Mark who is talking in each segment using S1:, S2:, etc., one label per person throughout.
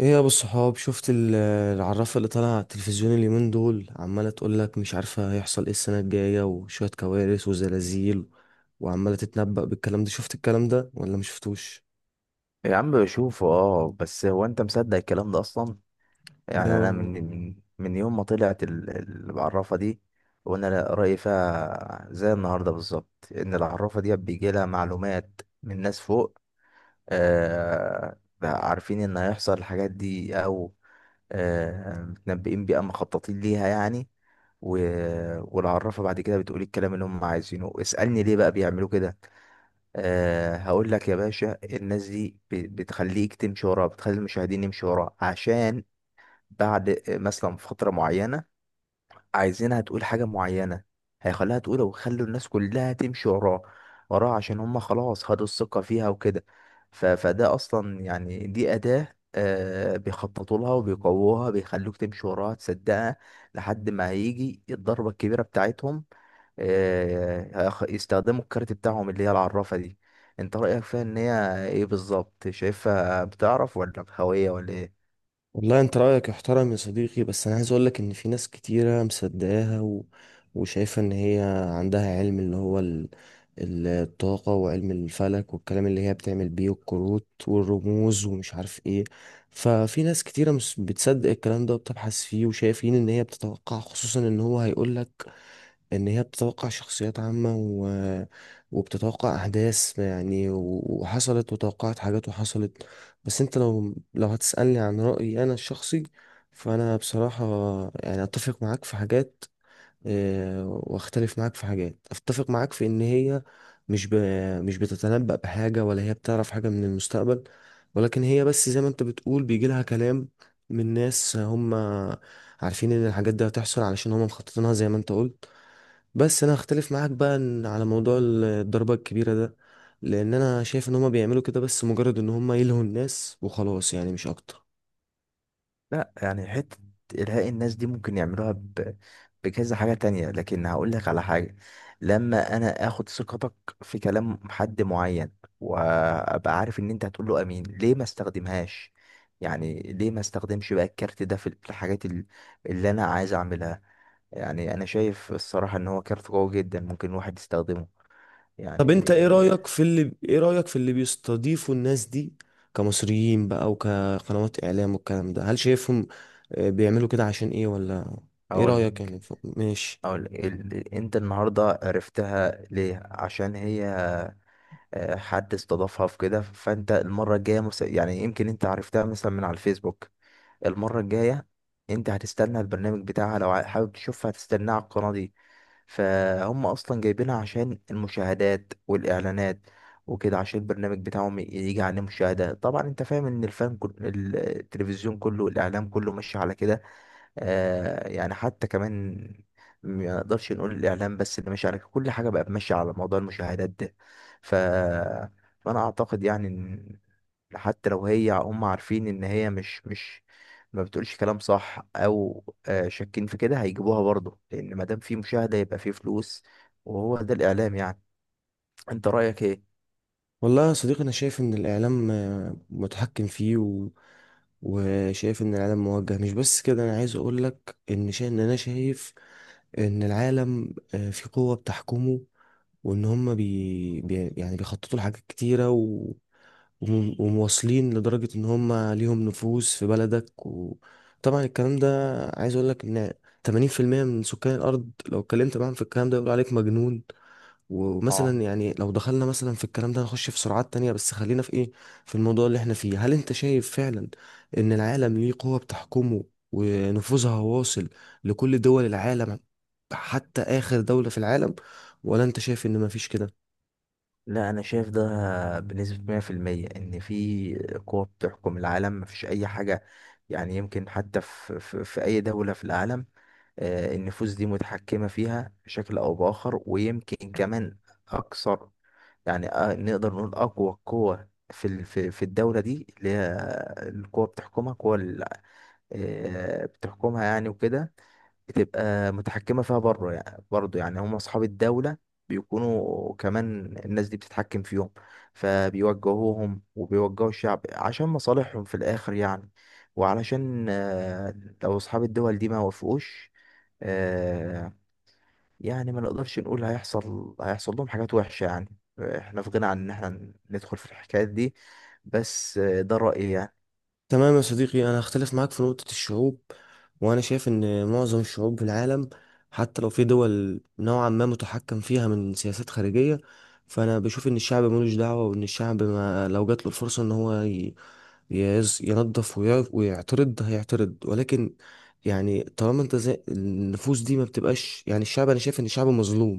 S1: ايه يا ابو الصحاب، شفت العرافه اللي طالعه على التلفزيون اليومين دول؟ عماله تقول لك مش عارفه هيحصل ايه السنه الجايه، وشويه كوارث وزلازل، وعماله تتنبأ بالكلام ده. شفت الكلام ده ولا مش شفتوش؟
S2: يا عم بشوفه، اه، بس هو انت مصدق الكلام ده اصلا؟ يعني انا من يوم ما طلعت العرافه دي وانا رايي فيها زي النهارده بالظبط، ان العرافه دي بيجي لها معلومات من ناس فوق. آه، عارفين ان هيحصل الحاجات دي، او متنبئين بيها، مخططين ليها يعني. و... والعرافة بعد كده بتقول الكلام اللي هم عايزينه. اسألني ليه بقى بيعملوا كده؟ أه، هقول لك يا باشا، الناس دي بتخليك تمشي وراها، بتخلي المشاهدين يمشوا وراها عشان بعد مثلا في فترة معينة عايزينها تقول حاجة معينة، هيخليها تقولها ويخلوا الناس كلها تمشي وراه عشان هم خلاص خدوا الثقة فيها وكده. فده أصلا يعني دي أداة، آه، بيخططوا لها وبيقووها، بيخلوك تمشي وراها، تصدقها لحد ما هيجي الضربة الكبيرة بتاعتهم. آه، يستخدموا الكارت بتاعهم اللي هي العرافة دي. انت رأيك فيها ان هي ايه بالظبط؟ شايفها بتعرف، ولا بخوية، ولا ايه؟
S1: والله انت رأيك يحترم يا صديقي، بس انا عايز اقولك ان في ناس كتيرة مصدقاها، وشايفة ان هي عندها علم، اللي هو الطاقة وعلم الفلك، والكلام اللي هي بتعمل بيه الكروت والرموز ومش عارف ايه. ففي ناس كتيرة مش بتصدق الكلام ده وبتبحث فيه، وشايفين ان هي بتتوقع، خصوصا ان هو هيقولك ان هي بتتوقع شخصيات عامة، وبتتوقع احداث يعني، وحصلت، وتوقعت حاجات وحصلت. بس انت لو هتسألني عن رأيي انا الشخصي، فانا بصراحة يعني اتفق معاك في حاجات، واختلف معاك في حاجات. اتفق معاك في ان هي مش ب... مش بتتنبأ بحاجة، ولا هي بتعرف حاجة من المستقبل، ولكن هي بس زي ما انت بتقول بيجي لها كلام من ناس هم عارفين ان الحاجات دي هتحصل علشان هم مخططينها زي ما انت قلت. بس انا هختلف معاك بقى على موضوع الضربة الكبيرة ده، لان انا شايف ان هم بيعملوا كده بس مجرد ان هم يلهوا الناس وخلاص، يعني مش اكتر.
S2: لا، يعني حتة إلهاء الناس دي ممكن يعملوها بكذا حاجة تانية، لكن هقول لك على حاجة. لما أنا آخد ثقتك في كلام حد معين وأبقى عارف إن أنت هتقول له أمين، ليه ما استخدمهاش؟ يعني ليه ما استخدمش بقى الكارت ده في اللي أنا عايز أعملها؟ يعني أنا شايف الصراحة إن هو كارت قوي جدا ممكن الواحد يستخدمه يعني.
S1: طب انت ايه رأيك في اللي بيستضيفوا الناس دي كمصريين بقى، وكقنوات اعلام والكلام ده؟ هل شايفهم بيعملوا كده عشان ايه، ولا ايه
S2: أقول
S1: رأيك
S2: لك
S1: يعني؟ ماشي.
S2: أقول لك أنت النهاردة عرفتها ليه؟ عشان هي، آه، حد استضافها في كده. فانت المره الجايه، يعني يمكن انت عرفتها مثلا من على الفيسبوك. المره الجايه انت هتستنى البرنامج بتاعها لو حابب تشوفها، هتستناه على القناه دي. فهم اصلا جايبينها عشان المشاهدات والاعلانات وكده، عشان البرنامج بتاعهم يجي عليه مشاهده. طبعا انت فاهم ان التلفزيون كله، الاعلام كله ماشي على كده. آه، يعني حتى كمان ما نقدرش نقول الإعلام بس اللي ماشي على كده. كل حاجة بقى ماشية على موضوع المشاهدات ده. ف... فأنا أعتقد يعني إن حتى لو هي، هم عارفين إن هي مش ما بتقولش كلام صح، أو آه، شاكين في كده، هيجيبوها برضه، لأن ما دام في مشاهدة يبقى في فلوس. وهو ده الإعلام يعني. أنت رأيك إيه؟
S1: والله يا صديقي، انا شايف ان الاعلام متحكم فيه، وشايف ان العالم موجه. مش بس كده، انا عايز اقولك ان انا شايف ان العالم في قوة بتحكمه، وان هم يعني بيخططوا لحاجات كتيره، ومواصلين لدرجه ان هم ليهم نفوذ في بلدك. وطبعا الكلام ده، عايز اقول لك ان 80% من سكان الارض لو اتكلمت معاهم في الكلام ده يقولوا عليك مجنون.
S2: اه.
S1: ومثلا يعني لو دخلنا مثلا في الكلام ده نخش في سرعات تانية، بس خلينا في ايه، في الموضوع اللي احنا فيه. هل انت شايف فعلا ان العالم ليه قوة بتحكمه، ونفوذها واصل لكل دول العالم، حتى آخر دولة في العالم؟ ولا انت شايف ان مفيش كده؟
S2: لا، انا شايف ده بنسبة 100%، ان في قوة بتحكم العالم، مفيش اي حاجة يعني، يمكن حتى في اي دولة في العالم، آه، النفوس دي متحكمة فيها بشكل او باخر، ويمكن كمان اكثر. يعني آه، نقدر نقول اقوى قوة في ال- في في الدولة دي، اللي هي القوة بتحكمها، قوة آه، بتحكمها يعني وكده، بتبقى متحكمة فيها بره يعني. برضه يعني هم أصحاب الدولة بيكونوا كمان الناس دي بتتحكم فيهم، فبيوجهوهم وبيوجهوا الشعب عشان مصالحهم في الآخر يعني. وعلشان آه، لو أصحاب الدول دي ما وافقوش، آه، يعني ما نقدرش نقول هيحصل لهم حاجات وحشة يعني، احنا في غنى عن ان احنا ندخل في الحكايات دي. بس آه، ده رأيي يعني.
S1: تمام يا صديقي، انا هختلف معاك في نقطة الشعوب. وانا شايف ان معظم الشعوب في العالم، حتى لو في دول نوعا ما متحكم فيها من سياسات خارجية، فانا بشوف ان الشعب ملوش دعوة، وان الشعب ما لو جات له الفرصة ان هو ينظف ويعرف ويعترض، هيعترض. ولكن يعني طالما انت زي النفوس دي ما بتبقاش، يعني الشعب، انا شايف ان الشعب مظلوم.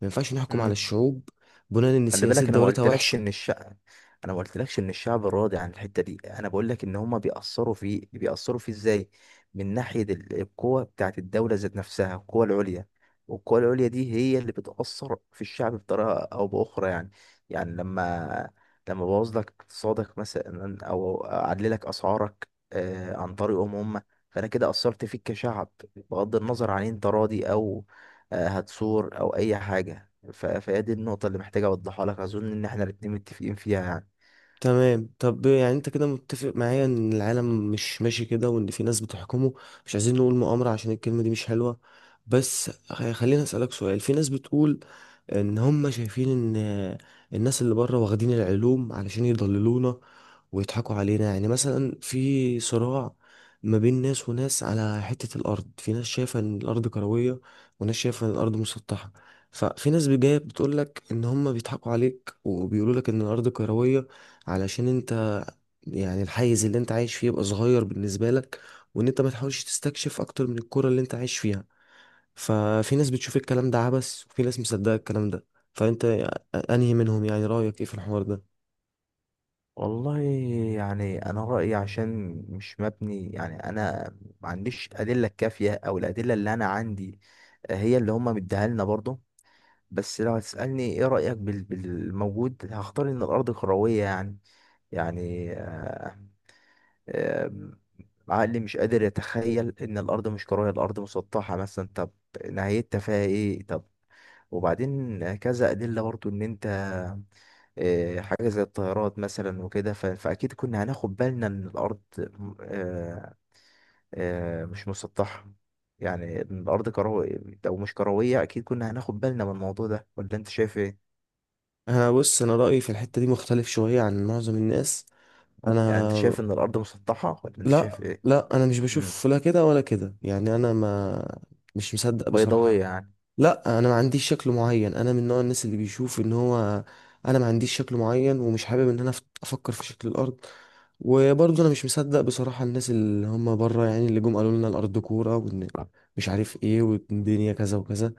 S1: ما ينفعش نحكم على
S2: مم.
S1: الشعوب بناء ان
S2: خلي
S1: سياسات
S2: بالك انا ما
S1: دولتها
S2: قلتلكش
S1: وحشة.
S2: ان الشعب، انا ما قلتلكش ان الشعب راضي عن الحته دي، انا بقول لك ان هما بيأثروا فيه ازاي؟ من ناحيه القوه بتاعت الدوله ذات نفسها، القوه العليا. والقوه العليا دي هي اللي بتأثر في الشعب بطريقه او باخرى يعني. يعني لما بوظ لك اقتصادك مثلا، او اعلي لك اسعارك، آه، عن طريقهم هم، فانا كده اثرت فيك كشعب، بغض النظر عن انت راضي او آه، هتثور او اي حاجه. فهي دي النقطة اللي محتاج أوضحها لك، أظن إن إحنا الاتنين متفقين فيها يعني.
S1: تمام. طب يعني انت كده متفق معايا ان العالم مش ماشي كده، وان في ناس بتحكمه. مش عايزين نقول مؤامرة عشان الكلمة دي مش حلوة، بس خليني اسألك سؤال. في ناس بتقول ان هم شايفين ان الناس اللي بره واخدين العلوم علشان يضللونا ويضحكوا علينا. يعني مثلا في صراع ما بين ناس وناس على حتة الأرض، في ناس شايفة إن الأرض كروية، وناس شايفة إن الأرض مسطحة. ففي ناس جاية بتقولك إن هما بيضحكوا عليك وبيقولولك إن الأرض كروية علشان أنت، يعني الحيز اللي أنت عايش فيه يبقى صغير بالنسبة لك، وإن أنت ما تحاولش تستكشف أكتر من الكرة اللي أنت عايش فيها. ففي ناس بتشوف الكلام ده عبث، وفي ناس مصدقة الكلام ده. فأنت أنهي منهم يعني؟ رأيك إيه في الحوار ده؟
S2: والله يعني أنا رأيي، عشان مش مبني، يعني أنا ما عنديش أدلة كافية، أو الأدلة اللي أنا عندي هي اللي هما مديها لنا برضه. بس لو هتسألني إيه رأيك بالموجود، هختار إن الأرض كروية يعني. يعني آه، آم، عقلي مش قادر يتخيل ان الارض مش كرويه، الارض مسطحه مثلا. طب نهايتها فيها ايه؟ طب وبعدين كذا ادله برضو ان انت، آه، حاجه زي الطيارات مثلا وكده، فاكيد كنا هناخد بالنا ان الارض، آه، آه، مش مسطحه، يعني إن الارض كرويه. او مش كرويه اكيد كنا هناخد بالنا من الموضوع ده، ولا انت شايف ايه؟
S1: انا بص، انا رايي في الحته دي مختلف شويه عن معظم الناس.
S2: يعني انت
S1: انا
S2: شايف ان الارض مسطحه، ولا انت شايف
S1: لا،
S2: ايه؟
S1: لا، انا مش
S2: امم،
S1: بشوف لا كده ولا كده. يعني انا ما مش مصدق
S2: بيضاويه
S1: بصراحه.
S2: يعني؟
S1: لا، انا ما عنديش شكل معين. انا من نوع الناس اللي بيشوف ان هو انا ما عنديش شكل معين، ومش حابب ان انا افكر في شكل الارض. وبرضه انا مش مصدق بصراحة الناس اللي هم بره، يعني اللي جم قالوا لنا الارض كورة، وان مش عارف ايه، والدنيا كذا وكذا.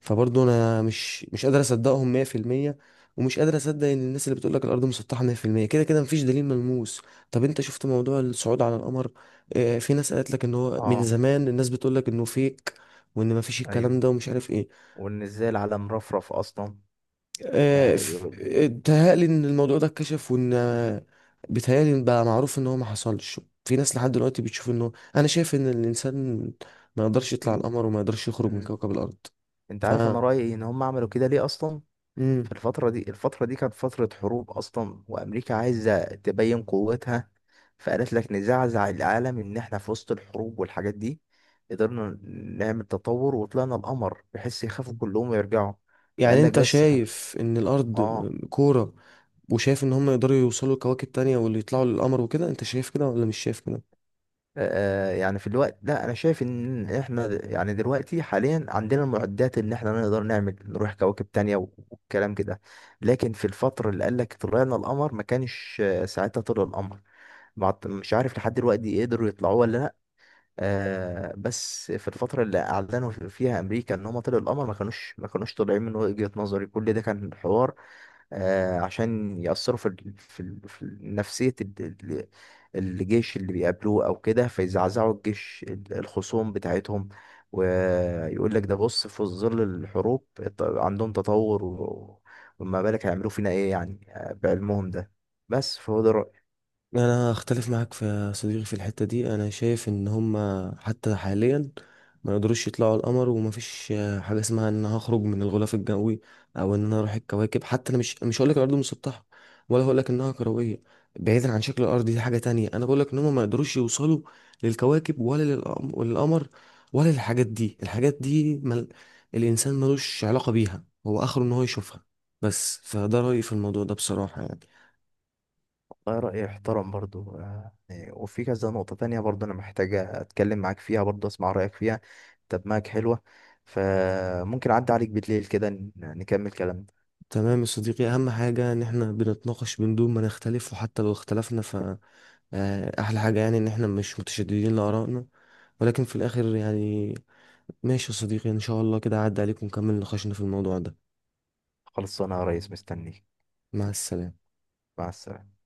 S1: فبرضه انا مش قادر اصدقهم 100%، ومش قادر اصدق ان الناس اللي بتقول لك الارض مسطحة 100%. كده كده مفيش دليل ملموس. طب انت شفت موضوع الصعود على القمر؟ في ناس قالت لك ان هو من
S2: اه.
S1: زمان الناس بتقول لك انه فيك، وان مفيش
S2: ايوه،
S1: الكلام ده، ومش عارف ايه.
S2: وان ازاي العالم رفرف اصلا. يعني بيقول
S1: بيتهيألي ان الموضوع ده اتكشف، وان بيتهيألي إن بقى معروف ان هو ما حصلش. في ناس لحد دلوقتي بتشوف انه، انا شايف ان الانسان ما يقدرش يطلع على
S2: إن...
S1: القمر، وما يقدرش يخرج من
S2: مم.
S1: كوكب الارض.
S2: انت
S1: ف
S2: عارف انا رايي ان هم عملوا كده ليه اصلا؟
S1: مم.
S2: في الفتره دي، الفتره دي كانت فتره حروب اصلا، وامريكا عايزه تبين قوتها، فقالت لك نزعزع العالم ان احنا في وسط الحروب والحاجات دي قدرنا نعمل تطور وطلعنا القمر، بحيث يخافوا كلهم ويرجعوا. فقال
S1: يعني
S2: لك
S1: انت
S2: بس
S1: شايف ان الارض
S2: اه.
S1: كورة، وشايف ان هم يقدروا يوصلوا لكواكب تانية، واللي يطلعوا للقمر وكده؟ انت شايف كده ولا مش شايف كده؟
S2: آه، يعني في الوقت، لا انا شايف ان احنا يعني دلوقتي حاليا عندنا المعدات ان احنا نقدر نعمل، نروح كواكب تانية والكلام كده. لكن في الفترة اللي قال لك طلعنا القمر، ما كانش، آه، ساعتها طلع القمر، مش عارف لحد دلوقتي قدروا يطلعوه ولا لا. آه، بس في الفترة اللي اعلنوا فيها امريكا ان هم طلعوا القمر، ما كانوش طالعين من وجهة نظري. كل ده كان حوار، آه، عشان يأثروا في نفسية ال- الجيش اللي بيقابلوه أو كده، فيزعزعوا الجيش الخصوم بتاعتهم، ويقول لك ده بص في ظل الحروب عندهم تطور وما بالك هيعملوا فينا إيه يعني، آه، بعلمهم ده. بس فهو ده رأيي.
S1: انا اختلف معاك يا صديقي في الحتة دي. انا شايف ان هما حتى حاليا ما يقدروش يطلعوا القمر، ومفيش حاجة اسمها ان أنا هخرج من الغلاف الجوي، او ان انا اروح الكواكب. حتى انا مش هقول لك الارض مسطحة، ولا هقول لك انها كروية. بعيدا عن شكل الارض، دي حاجة تانية. انا بقول لك ان هما ما يقدروش يوصلوا للكواكب، ولا للقمر، ولا للحاجات دي. الحاجات دي الانسان ملوش علاقة بيها. هو اخره ان هو يشوفها بس. فده رأيي في الموضوع ده بصراحة يعني.
S2: ده رأيي احترم برضو، آه، يعني، وفي كذا نقطة تانية برضو أنا محتاج أتكلم معاك فيها، برضو أسمع رأيك فيها. طب معاك حلوة؟ فممكن أعدي عليك بالليل كده نكمل كلامنا.
S1: تمام يا صديقي، اهم حاجة ان احنا بنتناقش من دون ما نختلف، وحتى لو اختلفنا، ف احلى حاجة يعني ان احنا مش متشددين لآرائنا. ولكن في الاخر يعني، ماشي يا صديقي. ان شاء الله كده عدى عليكم، ونكمل نقاشنا في الموضوع ده.
S2: خلص انا يا ريس مستنيك.
S1: مع السلامة.
S2: مع السلامة.